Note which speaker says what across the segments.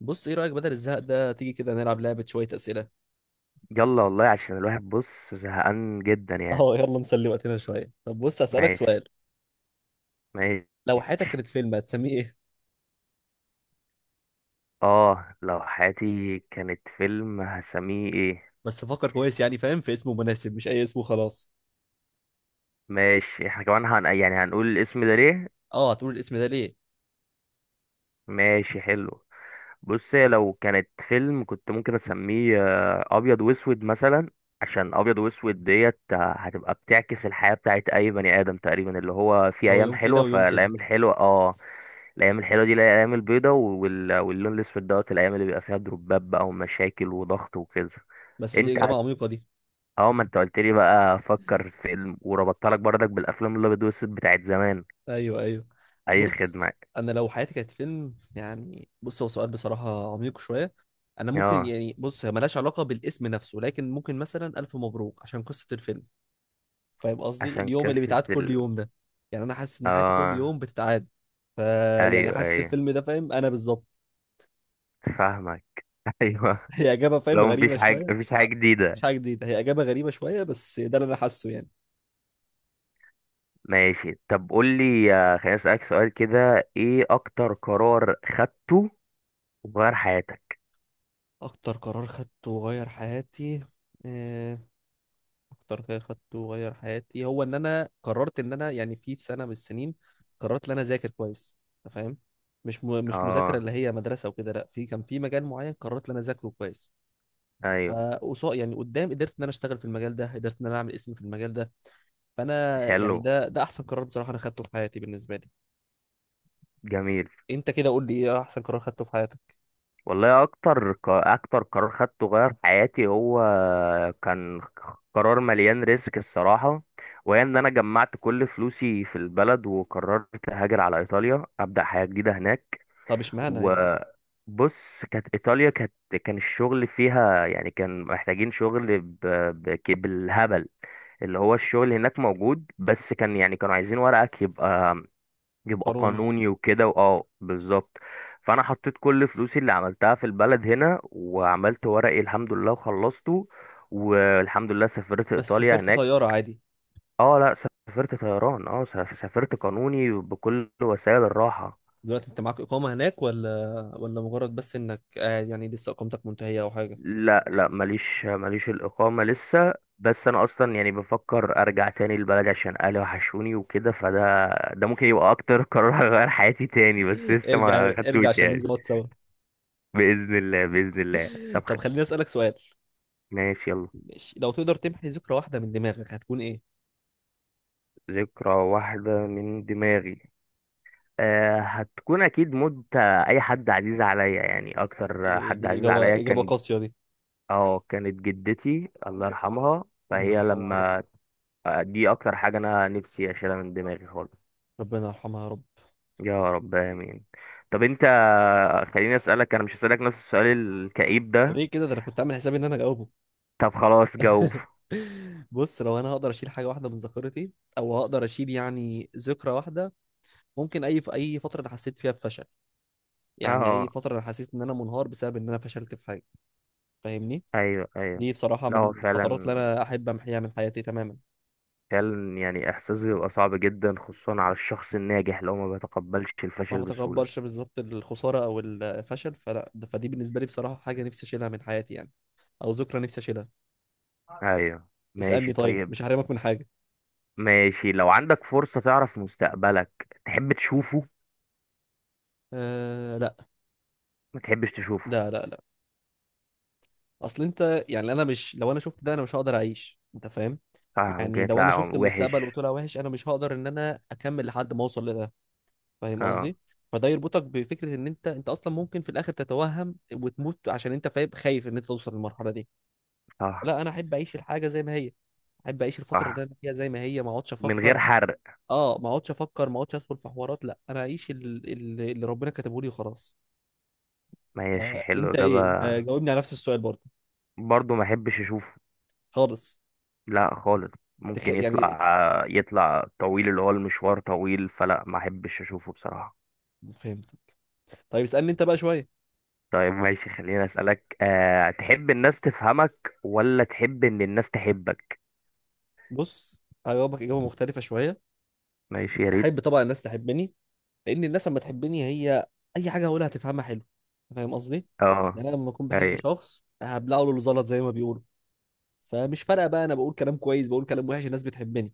Speaker 1: بص ايه رأيك بدل الزهق ده تيجي كده نلعب لعبة شوية أسئلة.
Speaker 2: يلا والله عشان الواحد بص زهقان جدا يعني.
Speaker 1: اه يلا نسلي وقتنا شوية. طب بص هسألك
Speaker 2: ماشي،
Speaker 1: سؤال،
Speaker 2: ماشي.
Speaker 1: لو حياتك كانت فيلم هتسميه ايه؟
Speaker 2: اه لو حياتي كانت فيلم هسميه ايه؟
Speaker 1: بس فكر كويس، يعني فاهم، في اسمه مناسب مش أي اسم وخلاص.
Speaker 2: ماشي احنا كمان يعني هنقول الاسم ده ليه.
Speaker 1: اه هتقول الاسم ده ليه.
Speaker 2: ماشي حلو. بص هي لو كانت فيلم كنت ممكن اسميه ابيض واسود مثلا. عشان ابيض واسود ديت، هتبقى بتعكس الحياة بتاعت اي بني ادم تقريبا اللي هو في
Speaker 1: اللي هو
Speaker 2: ايام
Speaker 1: يوم كده
Speaker 2: حلوة،
Speaker 1: ويوم كده.
Speaker 2: فالايام الحلوة اه الايام الحلوه دي الايام البيضه، واللون الاسود دوت الايام اللي بيبقى فيها دروبات بقى ومشاكل وضغط وكده.
Speaker 1: بس دي
Speaker 2: انت هت-
Speaker 1: إجابة عميقة دي.
Speaker 2: اه ما انت قلت لي بقى فكر في فيلم، وربطت لك برضك بالافلام الابيض والاسود بتاعت زمان.
Speaker 1: ايوه ايوه.
Speaker 2: اي
Speaker 1: بص
Speaker 2: خدمه.
Speaker 1: انا لو حياتي كانت فيلم، يعني بص هو سؤال بصراحة عميق شوية. انا ممكن،
Speaker 2: اه
Speaker 1: يعني بص هي ملهاش علاقة بالاسم نفسه، لكن ممكن مثلا ألف مبروك عشان قصة الفيلم. فاهم قصدي،
Speaker 2: عشان
Speaker 1: اليوم اللي
Speaker 2: قصه
Speaker 1: بيتعاد كل
Speaker 2: ال
Speaker 1: يوم ده. يعني انا حاسس ان حياتي كل
Speaker 2: اه
Speaker 1: يوم بتتعاد. ف يعني
Speaker 2: ايوه
Speaker 1: حاسس
Speaker 2: ايوه
Speaker 1: الفيلم ده، فاهم انا بالظبط.
Speaker 2: فاهمك. ايوه.
Speaker 1: هي اجابه، فاهم،
Speaker 2: لو مفيش
Speaker 1: غريبه
Speaker 2: حاجه
Speaker 1: شويه.
Speaker 2: مفيش حاجه
Speaker 1: أه، مش
Speaker 2: جديده.
Speaker 1: حاجه جديده، هي اجابه غريبه شويه بس ده اللي انا حاسه يعني.
Speaker 2: ماشي طب قول لي، خليني اسالك سؤال كده، ايه اكتر قرار خدته وغير حياتك؟
Speaker 1: اكتر قرار خدته وغير حياتي. آه، اكتر قرار خدته وغير حياتي هو ان انا قررت ان انا، يعني في سنه من السنين قررت ان انا اذاكر كويس. أنت فاهم. مش مذاكره
Speaker 2: اه.
Speaker 1: اللي هي مدرسه وكده، لا في كان في مجال معين قررت ان انا اذاكره كويس.
Speaker 2: ايوه.
Speaker 1: فقصاد يعني قدام قدرت ان انا اشتغل في المجال ده، قدرت ان انا اعمل اسم في المجال ده. فانا يعني
Speaker 2: حلو.
Speaker 1: ده احسن قرار بصراحه انا خدته في حياتي بالنسبه لي.
Speaker 2: جميل.
Speaker 1: انت كده قول لي ايه احسن قرار خدته في حياتك.
Speaker 2: والله اكتر اكتر قرار خدته غير حياتي هو كان قرار مليان ريسك الصراحه، وهي ان انا جمعت كل فلوسي في البلد وقررت اهاجر على ايطاليا ابدا حياه جديده هناك.
Speaker 1: طب اشمعنى يعني.
Speaker 2: وبص كانت ايطاليا كانت كان الشغل فيها يعني كان محتاجين شغل بالهبل. اللي هو الشغل هناك موجود، بس كان يعني كانوا عايزين ورقك يبقى يبقى
Speaker 1: قاروني.
Speaker 2: قانوني وكده، واه بالظبط. فانا حطيت كل فلوسي اللي عملتها في البلد هنا، وعملت ورقي الحمد لله وخلصته، والحمد لله سافرت
Speaker 1: بس
Speaker 2: ايطاليا
Speaker 1: سافرت
Speaker 2: هناك.
Speaker 1: طياره عادي؟
Speaker 2: اه لا، سافرت طيران، اه سافرت قانوني بكل وسائل الراحة.
Speaker 1: دلوقتي انت معاك اقامه هناك ولا؟ ولا مجرد بس انك قاعد، يعني لسه اقامتك منتهيه او حاجه؟
Speaker 2: لا لا، ماليش ماليش الاقامة لسه، بس انا اصلا يعني بفكر ارجع تاني البلد عشان اهلي وحشوني وكده، فده ده ممكن يبقى اكتر قرار هيغير حياتي تاني، بس لسه
Speaker 1: ارجع
Speaker 2: ما
Speaker 1: ارجع
Speaker 2: خدتوش
Speaker 1: عشان ننزل
Speaker 2: يعني.
Speaker 1: نقعد سوا.
Speaker 2: بإذن الله بإذن الله. طب
Speaker 1: طب خليني اسالك سؤال.
Speaker 2: ماشي يلا.
Speaker 1: ماشي. لو تقدر تمحي ذكرى واحده من دماغك هتكون ايه؟
Speaker 2: ذكرى واحدة من دماغي؟ هتكون أكيد موت أي حد عزيز عليا، يعني أكتر
Speaker 1: إيه
Speaker 2: حد
Speaker 1: دي،
Speaker 2: عزيز
Speaker 1: اجابه
Speaker 2: عليا
Speaker 1: اجابه
Speaker 2: كان،
Speaker 1: قاسيه دي.
Speaker 2: اه كانت جدتي الله يرحمها.
Speaker 1: ربنا
Speaker 2: فهي
Speaker 1: يرحمها يا رب.
Speaker 2: لما، دي أكتر حاجة أنا نفسي أشيلها من دماغي خالص.
Speaker 1: ربنا يرحمها يا رب.
Speaker 2: يا رب آمين. طب أنت، خليني أسألك، أنا مش هسألك نفس السؤال الكئيب ده.
Speaker 1: ليه كده، ده انا كنت عامل حسابي ان انا هجاوبه.
Speaker 2: طب خلاص جاوب.
Speaker 1: بص لو انا هقدر اشيل حاجه واحده من ذاكرتي، او هقدر اشيل يعني ذكرى واحده، ممكن اي، في اي فتره انا حسيت فيها بفشل. يعني اي
Speaker 2: اه.
Speaker 1: فتره انا حسيت ان انا منهار بسبب ان انا فشلت في حاجه. فاهمني.
Speaker 2: أيوه أيوه.
Speaker 1: دي بصراحه
Speaker 2: لا
Speaker 1: من
Speaker 2: هو
Speaker 1: الفترات اللي
Speaker 2: فعلا،
Speaker 1: انا احب امحيها من حياتي تماما.
Speaker 2: فعلا يعني احساس بيبقى صعب جدا خصوصا على الشخص الناجح لو ما بيتقبلش
Speaker 1: ما
Speaker 2: الفشل بسهولة.
Speaker 1: بتكبرش بالظبط الخساره او الفشل، فلا فدي بالنسبه لي بصراحه حاجه نفسي اشيلها من حياتي يعني، او ذكرى نفسي اشيلها.
Speaker 2: ايوه.
Speaker 1: اسالني
Speaker 2: ماشي
Speaker 1: طيب،
Speaker 2: طيب.
Speaker 1: مش هحرمك من حاجه.
Speaker 2: ماشي لو عندك فرصة تعرف مستقبلك تحب تشوفه؟
Speaker 1: أه لا.
Speaker 2: ما تحبش تشوفه؟
Speaker 1: لا لا لا. اصل انت يعني، انا مش، لو انا شفت ده انا مش هقدر اعيش، انت فاهم.
Speaker 2: صح، ممكن
Speaker 1: يعني لو انا
Speaker 2: يطلع
Speaker 1: شفت المستقبل
Speaker 2: وحش.
Speaker 1: وطلع وحش انا مش هقدر ان انا اكمل لحد ما اوصل لده. فاهم
Speaker 2: اه.
Speaker 1: قصدي. فده يربطك بفكره ان انت، انت اصلا ممكن في الاخر تتوهم وتموت عشان انت فاهم خايف ان انت توصل للمرحله دي.
Speaker 2: صح.
Speaker 1: لا انا احب اعيش الحاجه زي ما هي، احب اعيش الفتره اللي
Speaker 2: صح.
Speaker 1: انا فيها زي ما هي، ما اقعدش
Speaker 2: من
Speaker 1: افكر.
Speaker 2: غير حرق.
Speaker 1: اه ما اقعدش افكر، ما اقعدش ادخل في حوارات، لا انا اعيش اللي ربنا كاتبه لي وخلاص.
Speaker 2: ماشي حلو
Speaker 1: انت ايه،
Speaker 2: اجابة.
Speaker 1: انت جاوبني على نفس السؤال برضه.
Speaker 2: برضو ما احبش اشوفه.
Speaker 1: خالص.
Speaker 2: لا خالص. ممكن
Speaker 1: يعني.
Speaker 2: يطلع، يطلع طويل اللي هو المشوار طويل، فلا ما احبش اشوفه بصراحة.
Speaker 1: فهمت. طيب اسألني انت بقى شوية.
Speaker 2: طيب ماشي خليني أسألك، تحب الناس تفهمك ولا تحب إن الناس تحبك؟
Speaker 1: بص هجاوبك إجابة مختلفة شوية.
Speaker 2: ماشي يا ريت.
Speaker 1: أحب طبعا الناس تحبني، لأن الناس لما تحبني هي، أي حاجة هقولها هتفهمها حلو. فاهم قصدي؟
Speaker 2: اه.
Speaker 1: يعني أنا لما أكون بحب
Speaker 2: أي.
Speaker 1: شخص هبلعه له الزلط زي ما بيقولوا. فمش فارقة بقى، أنا بقول كلام كويس، بقول كلام وحش، الناس بتحبني.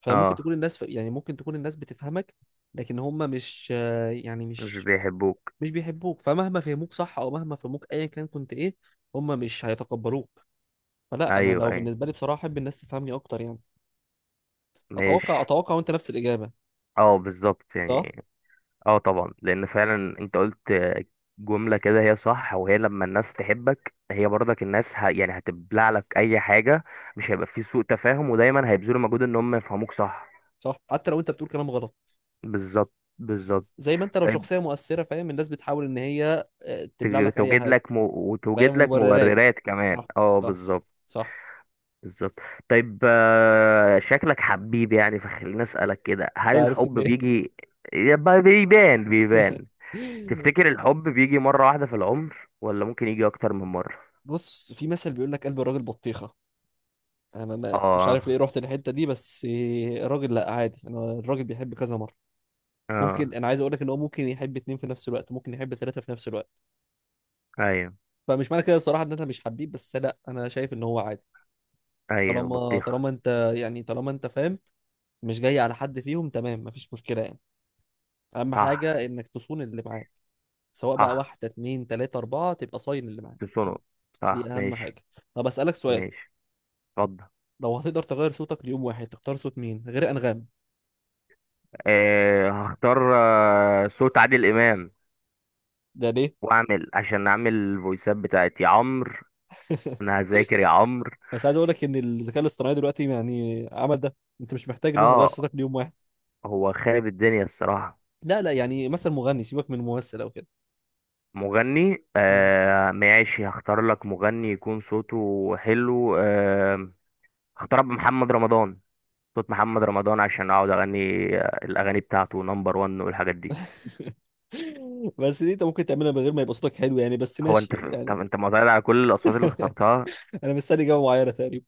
Speaker 1: فممكن
Speaker 2: اه.
Speaker 1: تكون الناس، يعني ممكن تكون الناس بتفهمك، لكن هم مش، يعني
Speaker 2: مش
Speaker 1: مش
Speaker 2: بيحبوك.
Speaker 1: مش بيحبوك، فمهما فهموك صح أو مهما فهموك أيا كان كنت إيه، هم مش هيتقبلوك. فلا أنا
Speaker 2: أيوه
Speaker 1: لو،
Speaker 2: أيوه.
Speaker 1: بالنسبة لي بصراحة أحب الناس تفهمني أكتر يعني.
Speaker 2: ماشي.
Speaker 1: اتوقع اتوقع وانت نفس الاجابه.
Speaker 2: اه بالظبط
Speaker 1: صح.
Speaker 2: يعني. اه طبعا، لأن فعلا أنت قلت جملة كده هي صح، وهي لما الناس تحبك هي برضك الناس يعني هتبلع لك أي حاجة، مش هيبقى في سوء تفاهم، ودايما هيبذلوا مجهود إن هم يفهموك صح.
Speaker 1: صح حتى لو انت بتقول كلام غلط.
Speaker 2: بالظبط. بالظبط.
Speaker 1: زي ما انت لو
Speaker 2: طيب
Speaker 1: شخصيه مؤثره، فاهم، الناس بتحاول ان هي تبلع لك اي
Speaker 2: توجد
Speaker 1: حاجه.
Speaker 2: لك
Speaker 1: فاهم،
Speaker 2: وتوجد لك
Speaker 1: مبررات.
Speaker 2: مبررات كمان،
Speaker 1: صح.
Speaker 2: اه
Speaker 1: صح.
Speaker 2: بالظبط.
Speaker 1: صح.
Speaker 2: بالظبط. طيب، شكلك حبيب يعني، فخليني اسألك كده،
Speaker 1: انت
Speaker 2: هل
Speaker 1: عرفت
Speaker 2: الحب
Speaker 1: منين؟
Speaker 2: بيجي يبقى بيبان بيبان؟ تفتكر الحب بيجي مرة واحدة في العمر ولا ممكن يجي أكتر من مرة؟
Speaker 1: بص في مثل بيقول لك قلب الراجل بطيخه. انا انا مش
Speaker 2: اه.
Speaker 1: عارف ليه رحت الحته دي، بس الراجل، لا عادي انا الراجل بيحب كذا مره. ممكن،
Speaker 2: اه.
Speaker 1: انا عايز اقول لك ان هو ممكن يحب اتنين في نفس الوقت، ممكن يحب ثلاثه في نفس الوقت.
Speaker 2: ايوه
Speaker 1: فمش معنى كده بصراحه ان انا مش حبيب، بس لا انا شايف ان هو عادي.
Speaker 2: ايوه
Speaker 1: طالما
Speaker 2: بطيخة.
Speaker 1: طالما انت، يعني طالما انت فاهم، مش جاي على حد فيهم، تمام، مفيش مشكلة يعني. اهم
Speaker 2: صح.
Speaker 1: حاجة انك تصون اللي معاك. سواء بقى
Speaker 2: صح.
Speaker 1: واحدة اتنين تلاتة اربعة، تبقى صاين اللي معاك.
Speaker 2: تصنع. صح
Speaker 1: دي اهم
Speaker 2: ماشي.
Speaker 1: حاجة. طب اسألك سؤال.
Speaker 2: ماشي اتفضل.
Speaker 1: لو هتقدر تغير صوتك ليوم واحد تختار صوت مين غير انغام؟
Speaker 2: هختار صوت عادل إمام،
Speaker 1: ده ليه؟
Speaker 2: واعمل عشان اعمل الفويسات بتاعت يا عمرو. انا هذاكر يا عمرو.
Speaker 1: بس عايز اقول لك ان الذكاء الاصطناعي دلوقتي يعني عمل ده، انت مش محتاج ان انت تغير
Speaker 2: اه
Speaker 1: صوتك ليوم واحد.
Speaker 2: هو خارب الدنيا الصراحه.
Speaker 1: لا لا، يعني مثلا مغني، سيبك من ممثل او كده.
Speaker 2: مغني،
Speaker 1: اه.
Speaker 2: ماشي هختار لك مغني يكون صوته حلو. هختار محمد رمضان. صوت محمد رمضان عشان اقعد اغني، الاغاني بتاعته نمبر 1 والحاجات دي.
Speaker 1: بس دي انت ممكن تعملها من غير ما يبقى صوتك حلو يعني، بس
Speaker 2: هو انت،
Speaker 1: ماشي يعني.
Speaker 2: طب انت معترض على كل الاصوات اللي اخترتها؟
Speaker 1: انا مستني اجابه معينه تقريبا.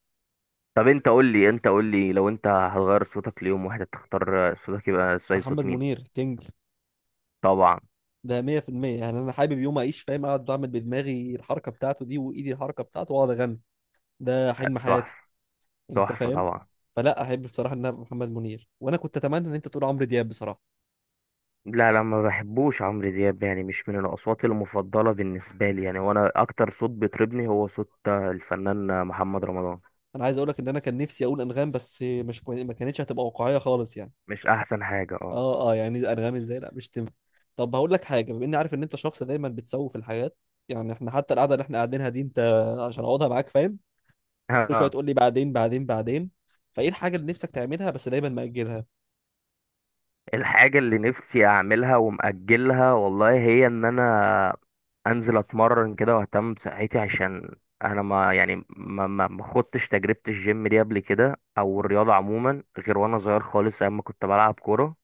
Speaker 2: طب انت قول لي، انت قول لي، لو انت هتغير صوتك ليوم واحد تختار صوتك يبقى زي صوت
Speaker 1: محمد
Speaker 2: مين؟
Speaker 1: منير، كينج.
Speaker 2: طبعا.
Speaker 1: ده 100% يعني، انا حابب يوم اعيش، فاهم، اقعد اعمل بدماغي الحركه بتاعته دي وايدي الحركه بتاعته واقعد اغني. ده حلم
Speaker 2: تحفه.
Speaker 1: حياتي. انت
Speaker 2: تحفه
Speaker 1: فاهم.
Speaker 2: طبعا.
Speaker 1: فلا احب بصراحه ان أنا محمد منير، وانا كنت اتمنى ان انت تقول عمرو دياب بصراحه.
Speaker 2: لا لا ما بحبوش عمرو دياب يعني، مش من الاصوات المفضله بالنسبه لي يعني، وانا اكتر صوت بيطربني هو صوت الفنان محمد رمضان.
Speaker 1: انا عايز اقول لك ان انا كان نفسي اقول انغام، بس مش كوي- ما كانتش هتبقى واقعيه خالص يعني.
Speaker 2: مش احسن حاجه اه.
Speaker 1: اه اه يعني انغام ازاي، لا مش تنفع. طب هقول لك حاجه، بما اني عارف ان انت شخص دايما بتسوف الحاجات. يعني احنا حتى القعده اللي احنا قاعدينها دي انت، عشان اقعدها معاك، فاهم، كل شويه
Speaker 2: اه.
Speaker 1: تقول لي بعدين بعدين بعدين. فايه الحاجه اللي نفسك تعملها بس دايما مأجلها؟
Speaker 2: الحاجه اللي نفسي اعملها ومأجلها والله هي ان انا انزل اتمرن كده واهتم بصحتي، عشان انا ما يعني ما خدتش تجربه الجيم دي قبل كده، او
Speaker 1: م.
Speaker 2: الرياضه عموما غير وانا صغير خالص ايام ما كنت بلعب كوره.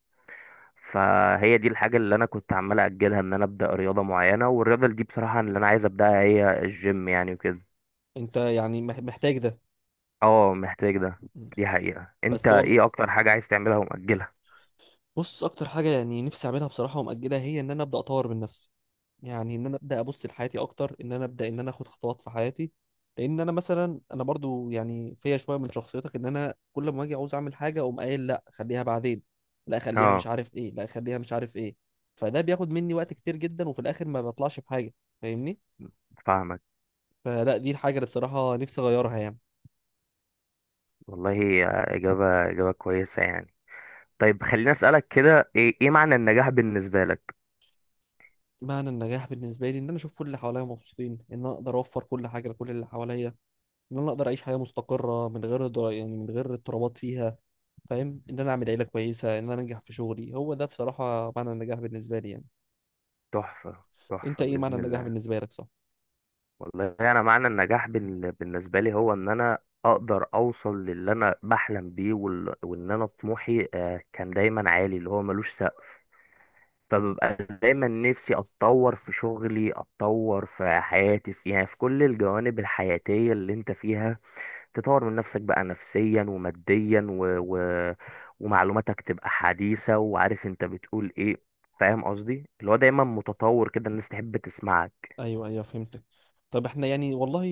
Speaker 2: فهي دي الحاجة اللي أنا كنت عمال أجلها، إن أنا أبدأ رياضة معينة، والرياضة اللي دي بصراحة اللي أنا عايز أبدأها هي الجيم يعني وكده.
Speaker 1: انت يعني محتاج ده.
Speaker 2: اه محتاج ده.
Speaker 1: م.
Speaker 2: دي حقيقة. أنت
Speaker 1: بس والله،
Speaker 2: إيه أكتر حاجة عايز تعملها ومأجلها؟
Speaker 1: بص اكتر حاجه يعني نفسي اعملها بصراحه ومأجلها هي ان انا ابدا اطور من نفسي. يعني ان انا ابدا ابص لحياتي اكتر، ان انا ابدا ان انا اخد خطوات في حياتي. لان انا مثلا انا برضو يعني فيا شويه من شخصيتك، ان انا كل ما اجي عاوز اعمل حاجه اقوم قايل لا خليها بعدين، لا خليها مش
Speaker 2: اه.
Speaker 1: عارف ايه، لا خليها مش عارف ايه. فده بياخد مني وقت كتير جدا وفي الاخر ما بطلعش بحاجه. فاهمني.
Speaker 2: فاهمك.
Speaker 1: فلا دي الحاجة اللي بصراحة نفسي أغيرها يعني.
Speaker 2: والله هي إجابة إجابة كويسة يعني. طيب خليني أسألك كده، إيه إيه معنى النجاح بالنسبة لك؟
Speaker 1: معنى النجاح بالنسبة لي إن أنا أشوف كل اللي حواليا مبسوطين، إن أنا أقدر أوفر كل حاجة لكل اللي حواليا، إن أنا أقدر أعيش حياة مستقرة من غير يعني من غير اضطرابات فيها. فاهم، إن أنا أعمل عيلة كويسة، إن أنا أنجح في شغلي، هو ده بصراحة معنى النجاح بالنسبة لي يعني.
Speaker 2: تحفة
Speaker 1: أنت
Speaker 2: تحفة
Speaker 1: إيه معنى
Speaker 2: بإذن
Speaker 1: النجاح
Speaker 2: الله.
Speaker 1: بالنسبة لك؟
Speaker 2: والله انا معنى النجاح بالنسبه لي هو ان انا اقدر اوصل للي انا بحلم بيه، وان انا طموحي كان دايما عالي اللي هو ملوش سقف. فببقى دايما نفسي اتطور في شغلي، اتطور في حياتي، في يعني في كل الجوانب الحياتيه اللي انت فيها تطور من نفسك بقى، نفسيا وماديا و... ومعلوماتك تبقى حديثه، وعارف انت بتقول ايه. فاهم قصدي اللي هو دايما متطور كده، الناس تحب تسمعك.
Speaker 1: ايوه ايوه فهمتك. طب احنا يعني والله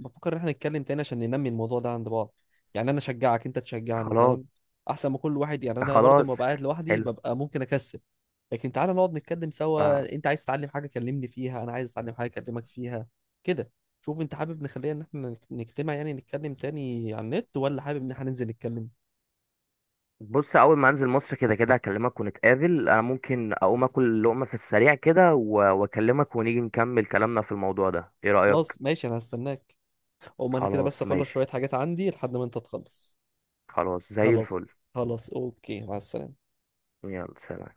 Speaker 1: بفكر ان احنا نتكلم تاني عشان ننمي الموضوع ده عند بعض. يعني انا اشجعك انت تشجعني،
Speaker 2: خلاص.
Speaker 1: فاهم. احسن ما كل واحد، يعني انا برضه لما
Speaker 2: خلاص
Speaker 1: ببقى قاعد لوحدي
Speaker 2: حلو.
Speaker 1: ببقى ممكن اكسل. لكن تعالى نقعد نتكلم
Speaker 2: فاهم.
Speaker 1: سوا، انت عايز تتعلم حاجه كلمني فيها، انا عايز اتعلم حاجه اكلمك فيها. كده. شوف انت حابب نخليها ان احنا نجتمع يعني نتكلم تاني على النت، ولا حابب ان احنا ننزل نتكلم؟
Speaker 2: بص اول ما انزل مصر كده كده هكلمك ونتقابل، انا ممكن اقوم اكل لقمه في السريع كده واكلمك ونيجي نكمل كلامنا في الموضوع ده، ايه رايك؟
Speaker 1: خلاص ماشي انا هستناك. او ما انا كده، بس
Speaker 2: خلاص
Speaker 1: اخلص
Speaker 2: ماشي.
Speaker 1: شويه حاجات عندي لحد ما انت تخلص.
Speaker 2: خلاص زي
Speaker 1: خلاص.
Speaker 2: الفل.
Speaker 1: خلاص اوكي، مع السلامه.
Speaker 2: يلا سلام.